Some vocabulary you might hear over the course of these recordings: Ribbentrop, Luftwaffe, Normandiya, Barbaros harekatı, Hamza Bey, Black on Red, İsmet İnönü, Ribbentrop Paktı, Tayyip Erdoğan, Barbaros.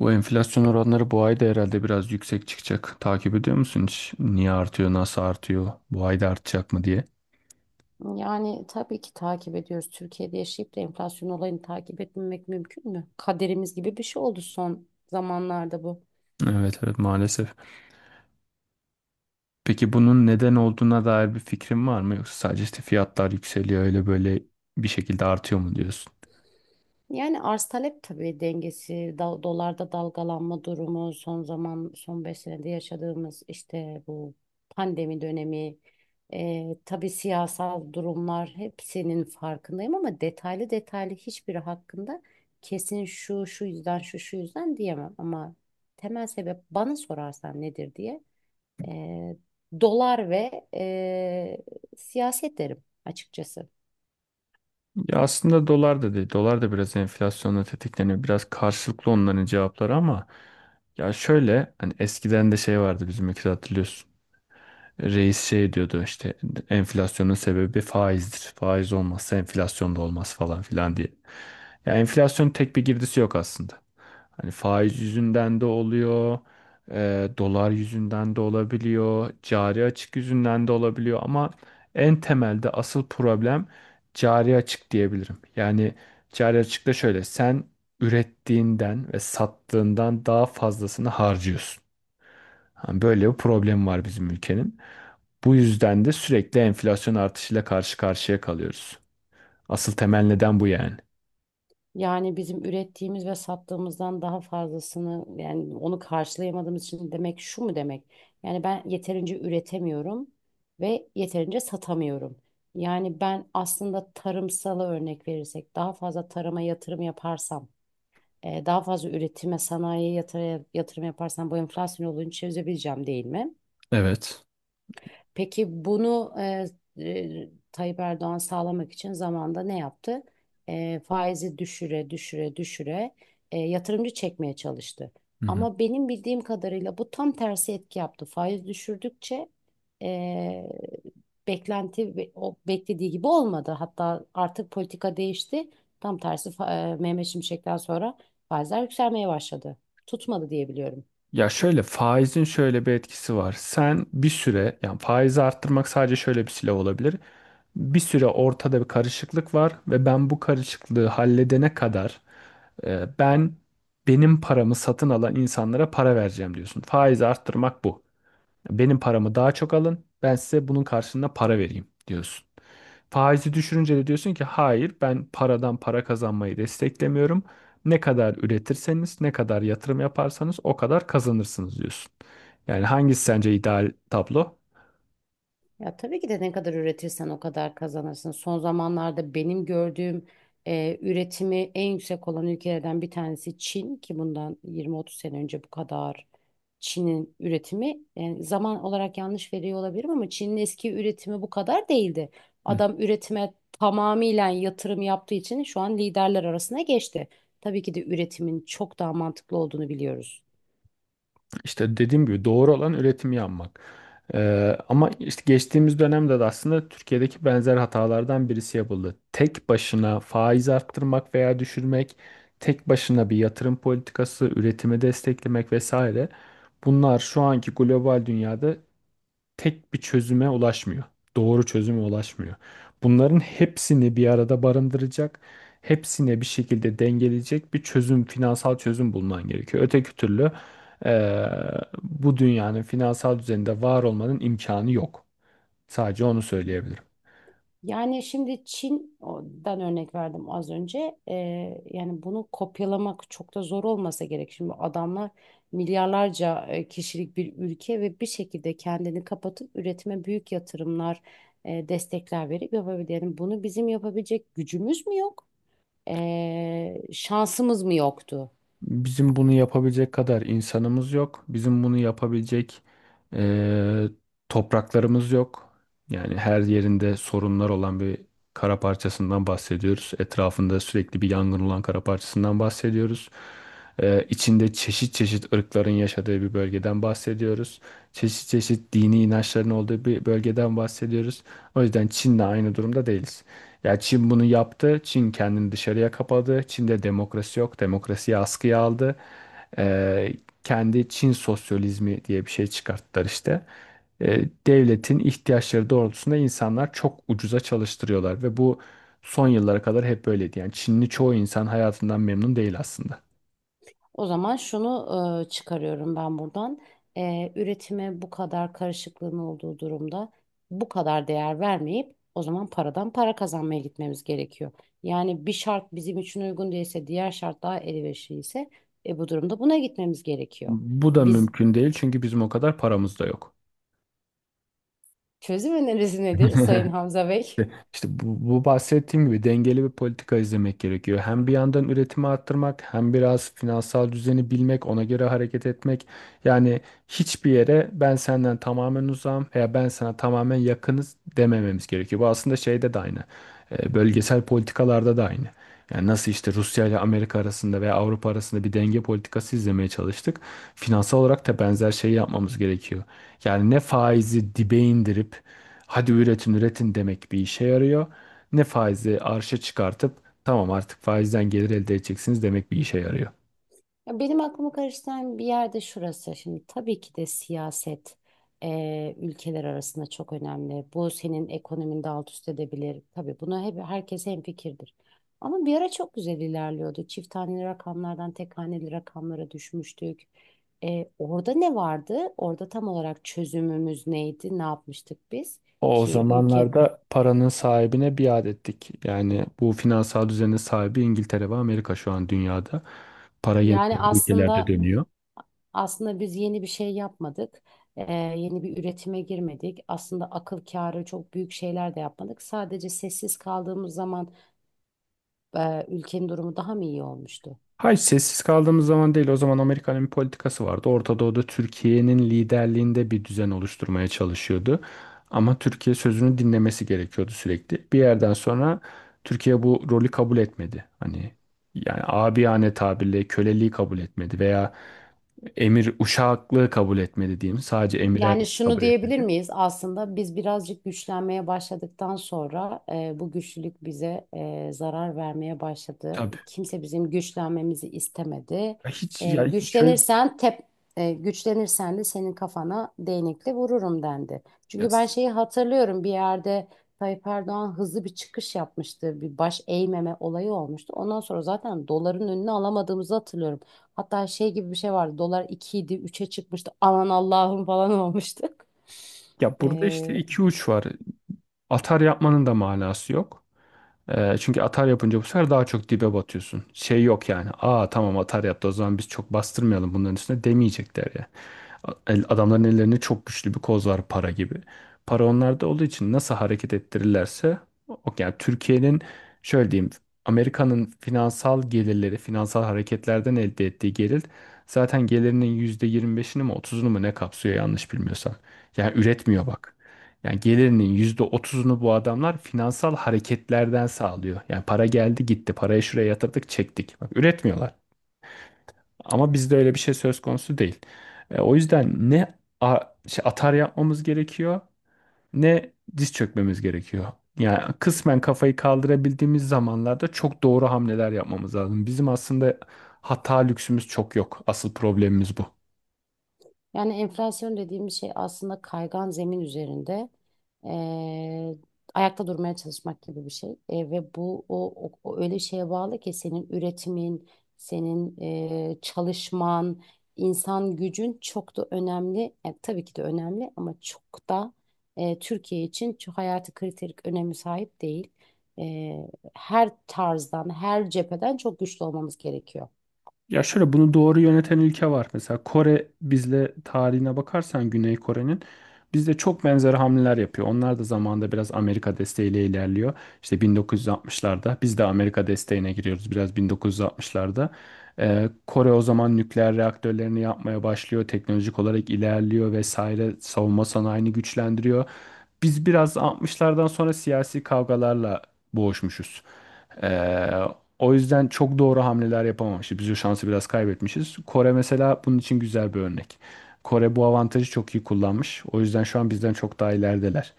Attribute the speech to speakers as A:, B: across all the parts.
A: Bu enflasyon oranları bu ay da herhalde biraz yüksek çıkacak. Takip ediyor musun hiç? Niye artıyor, nasıl artıyor, bu ay da artacak mı diye?
B: Yani tabii ki takip ediyoruz. Türkiye'de yaşayıp da enflasyon olayını takip etmemek mümkün mü? Kaderimiz gibi bir şey oldu son zamanlarda bu.
A: Evet evet maalesef. Peki bunun neden olduğuna dair bir fikrin var mı? Yoksa sadece işte fiyatlar yükseliyor öyle böyle bir şekilde artıyor mu diyorsun?
B: Yani arz talep tabii dengesi, dolarda dalgalanma durumu, son 5 senede yaşadığımız işte bu pandemi dönemi, tabii siyasal durumlar hepsinin farkındayım ama detaylı detaylı hiçbiri hakkında kesin şu şu yüzden şu şu yüzden diyemem ama temel sebep bana sorarsan nedir diye e, dolar ve siyaset derim açıkçası.
A: Ya aslında dolar da değil. Dolar da biraz enflasyonla tetikleniyor. Biraz karşılıklı onların cevapları ama ya şöyle hani eskiden de şey vardı bizim ülkede hatırlıyorsun. Reis şey diyordu işte enflasyonun sebebi faizdir. Faiz olmazsa enflasyon da olmaz falan filan diye. Ya enflasyonun tek bir girdisi yok aslında. Hani faiz yüzünden de oluyor, dolar yüzünden de olabiliyor, cari açık yüzünden de olabiliyor ama en temelde asıl problem cari açık diyebilirim. Yani cari açık da şöyle sen ürettiğinden ve sattığından daha fazlasını harcıyorsun. Hani böyle bir problem var bizim ülkenin. Bu yüzden de sürekli enflasyon artışıyla karşı karşıya kalıyoruz. Asıl temel neden bu yani.
B: Yani bizim ürettiğimiz ve sattığımızdan daha fazlasını, yani onu karşılayamadığımız için demek, şu mu demek? Yani ben yeterince üretemiyorum ve yeterince satamıyorum. Yani ben aslında tarımsala örnek verirsek daha fazla tarıma yatırım yaparsam, daha fazla üretime, sanayiye yatırım yaparsam bu enflasyon olduğunu çözebileceğim, değil mi?
A: Evet.
B: Peki bunu Tayyip Erdoğan sağlamak için zamanda ne yaptı? Faizi düşüre düşüre düşüre yatırımcı çekmeye çalıştı.
A: Hı hı.
B: Ama benim bildiğim kadarıyla bu tam tersi etki yaptı. Faiz düşürdükçe e, beklenti o beklediği gibi olmadı. Hatta artık politika değişti. Tam tersi Mehmet Şimşek'ten sonra faizler yükselmeye başladı. Tutmadı diye biliyorum.
A: Ya şöyle faizin şöyle bir etkisi var. Sen bir süre yani faizi arttırmak sadece şöyle bir silah olabilir. Bir süre ortada bir karışıklık var ve ben bu karışıklığı halledene kadar e, ben benim paramı satın alan insanlara para vereceğim diyorsun. Faizi arttırmak bu. Benim paramı daha çok alın. Ben size bunun karşılığında para vereyim diyorsun. Faizi düşürünce de diyorsun ki hayır ben paradan para kazanmayı desteklemiyorum. Ne kadar üretirseniz, ne kadar yatırım yaparsanız o kadar kazanırsınız diyorsun. Yani hangisi sence ideal tablo?
B: Ya tabii ki de ne kadar üretirsen o kadar kazanırsın. Son zamanlarda benim gördüğüm, üretimi en yüksek olan ülkelerden bir tanesi Çin, ki bundan 20-30 sene önce bu kadar Çin'in üretimi, yani zaman olarak yanlış veriyor olabilirim, ama Çin'in eski üretimi bu kadar değildi.
A: Hı.
B: Adam üretime tamamıyla yatırım yaptığı için şu an liderler arasına geçti. Tabii ki de üretimin çok daha mantıklı olduğunu biliyoruz.
A: İşte dediğim gibi doğru olan üretimi yapmak. Ama işte geçtiğimiz dönemde de aslında Türkiye'deki benzer hatalardan birisi yapıldı. Tek başına faiz arttırmak veya düşürmek, tek başına bir yatırım politikası, üretimi desteklemek vesaire. Bunlar şu anki global dünyada tek bir çözüme ulaşmıyor. Doğru çözüme ulaşmıyor. Bunların hepsini bir arada barındıracak, hepsine bir şekilde dengeleyecek bir çözüm, finansal çözüm bulman gerekiyor. Öteki türlü eee, bu dünyanın finansal düzeninde var olmanın imkanı yok. Sadece onu söyleyebilirim.
B: Yani şimdi Çin'den örnek verdim az önce. Yani bunu kopyalamak çok da zor olmasa gerek. Şimdi adamlar milyarlarca kişilik bir ülke ve bir şekilde kendini kapatıp üretime büyük yatırımlar, destekler verip yapabilir. Yani bunu bizim yapabilecek gücümüz mü yok? Şansımız mı yoktu?
A: Bizim bunu yapabilecek kadar insanımız yok. Bizim bunu yapabilecek eee, topraklarımız yok. Yani her yerinde sorunlar olan bir kara parçasından bahsediyoruz. Etrafında sürekli bir yangın olan kara parçasından bahsediyoruz. İçinde çeşit çeşit ırkların yaşadığı bir bölgeden bahsediyoruz. Çeşit çeşit dini inançların olduğu bir bölgeden bahsediyoruz. O yüzden Çin'le aynı durumda değiliz. Ya Çin bunu yaptı. Çin kendini dışarıya kapadı. Çin'de demokrasi yok. Demokrasiyi askıya aldı. Ee, Kendi Çin sosyalizmi diye bir şey çıkarttılar işte. Devletin ihtiyaçları doğrultusunda insanlar çok ucuza çalıştırıyorlar ve bu son yıllara kadar hep böyleydi. Yani Çinli çoğu insan hayatından memnun değil aslında.
B: O zaman şunu çıkarıyorum ben buradan. Üretime bu kadar karışıklığın olduğu durumda bu kadar değer vermeyip o zaman paradan para kazanmaya gitmemiz gerekiyor. Yani bir şart bizim için uygun değilse, diğer şart daha elverişliyse, bu durumda buna gitmemiz gerekiyor.
A: Bu da
B: Biz,
A: mümkün değil çünkü bizim o kadar paramız da yok.
B: çözüm önerisi nedir Sayın Hamza Bey?
A: İşte bu bahsettiğim gibi dengeli bir politika izlemek gerekiyor. Hem bir yandan üretimi arttırmak, hem biraz finansal düzeni bilmek, ona göre hareket etmek. Yani hiçbir yere ben senden tamamen uzağım veya ben sana tamamen yakınız demememiz gerekiyor. Bu aslında şeyde de aynı. Bölgesel politikalarda da aynı. Yani nasıl işte Rusya ile Amerika arasında veya Avrupa arasında bir denge politikası izlemeye çalıştık. Finansal olarak da benzer şeyi yapmamız gerekiyor. Yani ne faizi dibe indirip hadi üretin üretin demek bir işe yarıyor. Ne faizi arşa çıkartıp tamam artık faizden gelir elde edeceksiniz demek bir işe yarıyor.
B: Ya benim aklımı karıştıran bir yerde şurası. Şimdi tabii ki de siyaset ülkeler arasında çok önemli. Bu senin ekonomini de alt üst edebilir. Tabii buna hep herkes hemfikirdir. Ama bir ara çok güzel ilerliyordu. Çift haneli rakamlardan tek haneli rakamlara düşmüştük. Orada ne vardı? Orada tam olarak çözümümüz neydi? Ne yapmıştık biz
A: O
B: ki ülkenin?
A: zamanlarda paranın sahibine biat ettik. Yani bu finansal düzenin sahibi İngiltere ve Amerika şu an dünyada. Para yeni
B: Yani
A: ülkelerde
B: aslında
A: dönüyor.
B: Aslında biz yeni bir şey yapmadık. Yeni bir üretime girmedik. Aslında akıl kârı çok büyük şeyler de yapmadık. Sadece sessiz kaldığımız zaman ülkenin durumu daha mı iyi olmuştu?
A: Hayır sessiz kaldığımız zaman değil. O zaman Amerika'nın bir politikası vardı. Orta Doğu'da Türkiye'nin liderliğinde bir düzen oluşturmaya çalışıyordu. Ama Türkiye sözünü dinlemesi gerekiyordu sürekli. Bir yerden sonra Türkiye bu rolü kabul etmedi. Hani yani abiyane tabirle köleliği kabul etmedi veya emir uşaklığı kabul etmedi diyeyim. Sadece emirer
B: Yani şunu
A: kabul
B: diyebilir
A: etmedi.
B: miyiz? Aslında biz birazcık güçlenmeye başladıktan sonra bu güçlülük bize zarar vermeye başladı.
A: Tabii.
B: Kimse bizim güçlenmemizi istemedi.
A: Ya Hiç
B: E,
A: ya hiç şöyle
B: güçlenirsen tep, Güçlenirsen de senin kafana değnekle vururum dendi.
A: ya,
B: Çünkü ben şeyi hatırlıyorum bir yerde, Tayyip Erdoğan hızlı bir çıkış yapmıştı. Bir baş eğmeme olayı olmuştu. Ondan sonra zaten doların önüne alamadığımızı hatırlıyorum. Hatta şey gibi bir şey vardı. Dolar 2 idi, 3'e çıkmıştı. Aman Allah'ım falan olmuştuk.
A: Ya burada işte iki uç var. Atar yapmanın da manası yok. Çünkü atar yapınca bu sefer daha çok dibe batıyorsun. Şey yok yani. Aa tamam atar yaptı o zaman biz çok bastırmayalım bunların üstüne demeyecekler ya. Adamların ellerinde çok güçlü bir koz var para gibi. Para onlarda olduğu için nasıl hareket ettirirlerse o yani Türkiye'nin şöyle diyeyim Amerika'nın finansal gelirleri, finansal hareketlerden elde ettiği gelir zaten gelirinin %25'ini mi %30'unu mu ne kapsıyor yanlış bilmiyorsam. Yani üretmiyor bak. Yani gelirinin %30'unu bu adamlar finansal hareketlerden sağlıyor. Yani para geldi gitti. Parayı şuraya yatırdık çektik. Bak üretmiyorlar. Ama bizde öyle bir şey söz konusu değil. O yüzden ne a- atar yapmamız gerekiyor ne diz çökmemiz gerekiyor. Yani kısmen kafayı kaldırabildiğimiz zamanlarda çok doğru hamleler yapmamız lazım. Bizim aslında hata lüksümüz çok yok. Asıl problemimiz bu.
B: Yani enflasyon dediğimiz şey aslında kaygan zemin üzerinde eee, ayakta durmaya çalışmak gibi bir şey. Ve bu o öyle şeye bağlı ki senin üretimin, senin çalışman, insan gücün çok da önemli. Tabii ki de önemli, ama çok da Türkiye için çok hayati kriterik önemi sahip değil. E, Her tarzdan, her cepheden çok güçlü olmamız gerekiyor.
A: Ya şöyle bunu doğru yöneten ülke var. Mesela Kore bizle tarihine bakarsan Güney Kore'nin bizde çok benzer hamleler yapıyor. Onlar da zamanında biraz Amerika desteğiyle ilerliyor. İşte 1960'larda biz de Amerika desteğine giriyoruz biraz 1960'larda. Kore o zaman nükleer reaktörlerini yapmaya başlıyor. Teknolojik olarak ilerliyor vesaire. Savunma sanayini güçlendiriyor. Biz biraz 60'lardan sonra siyasi kavgalarla boğuşmuşuz. Ee, O yüzden çok doğru hamleler yapamamışız. Biz o şansı biraz kaybetmişiz. Kore mesela bunun için güzel bir örnek. Kore bu avantajı çok iyi kullanmış. O yüzden şu an bizden çok daha ilerideler.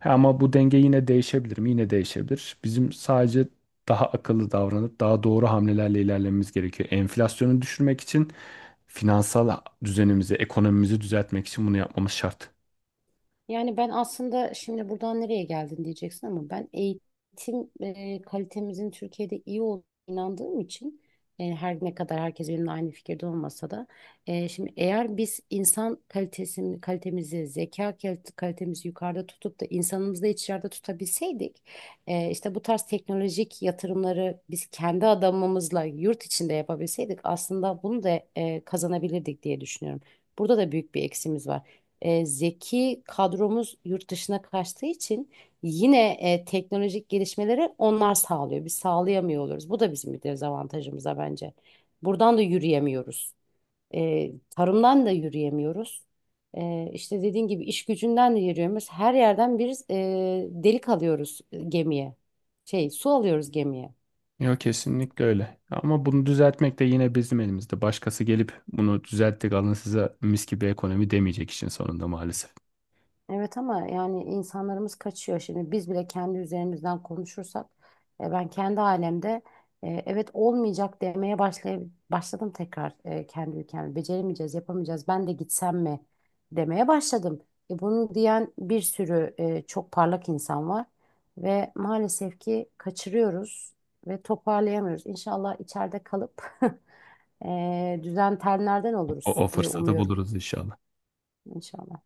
A: Ha, ama bu denge yine değişebilir mi? Yine değişebilir. Bizim sadece daha akıllı davranıp daha doğru hamlelerle ilerlememiz gerekiyor. Enflasyonu düşürmek için finansal düzenimizi, ekonomimizi düzeltmek için bunu yapmamız şart.
B: Yani ben aslında şimdi buradan nereye geldin diyeceksin, ama ben eğitim kalitemizin Türkiye'de iyi olduğuna inandığım için, her ne kadar herkes benimle aynı fikirde olmasa da, şimdi eğer biz insan kalitesini, kalitemizi, kalitemizi yukarıda tutup da insanımızı da içeride tutabilseydik, işte bu tarz teknolojik yatırımları biz kendi adamımızla yurt içinde yapabilseydik, aslında bunu da kazanabilirdik diye düşünüyorum. Burada da büyük bir eksimiz var, zeki kadromuz yurt dışına kaçtığı için yine teknolojik gelişmeleri onlar sağlıyor. Biz sağlayamıyor oluruz. Bu da bizim bir dezavantajımıza bence. Buradan da yürüyemiyoruz. Tarımdan da yürüyemiyoruz. İşte dediğin gibi iş gücünden de yürüyemiyoruz. Her yerden bir delik alıyoruz gemiye. Şey, su alıyoruz gemiye.
A: Yok kesinlikle öyle. Ama bunu düzeltmek de yine bizim elimizde. Başkası gelip bunu düzelttik alın size mis gibi ekonomi demeyecek işin sonunda maalesef.
B: Evet ama yani insanlarımız kaçıyor. Şimdi biz bile kendi üzerimizden konuşursak, ben kendi alemde evet olmayacak demeye başlay başladım tekrar, kendi ülkemde. Beceremeyeceğiz, yapamayacağız. Ben de gitsem mi demeye başladım. Bunu diyen bir sürü çok parlak insan var ve maalesef ki kaçırıyoruz ve toparlayamıyoruz. İnşallah içeride kalıp düzen tenlerden
A: O,
B: oluruz
A: o
B: diye
A: fırsatı
B: umuyorum.
A: buluruz inşallah.
B: İnşallah.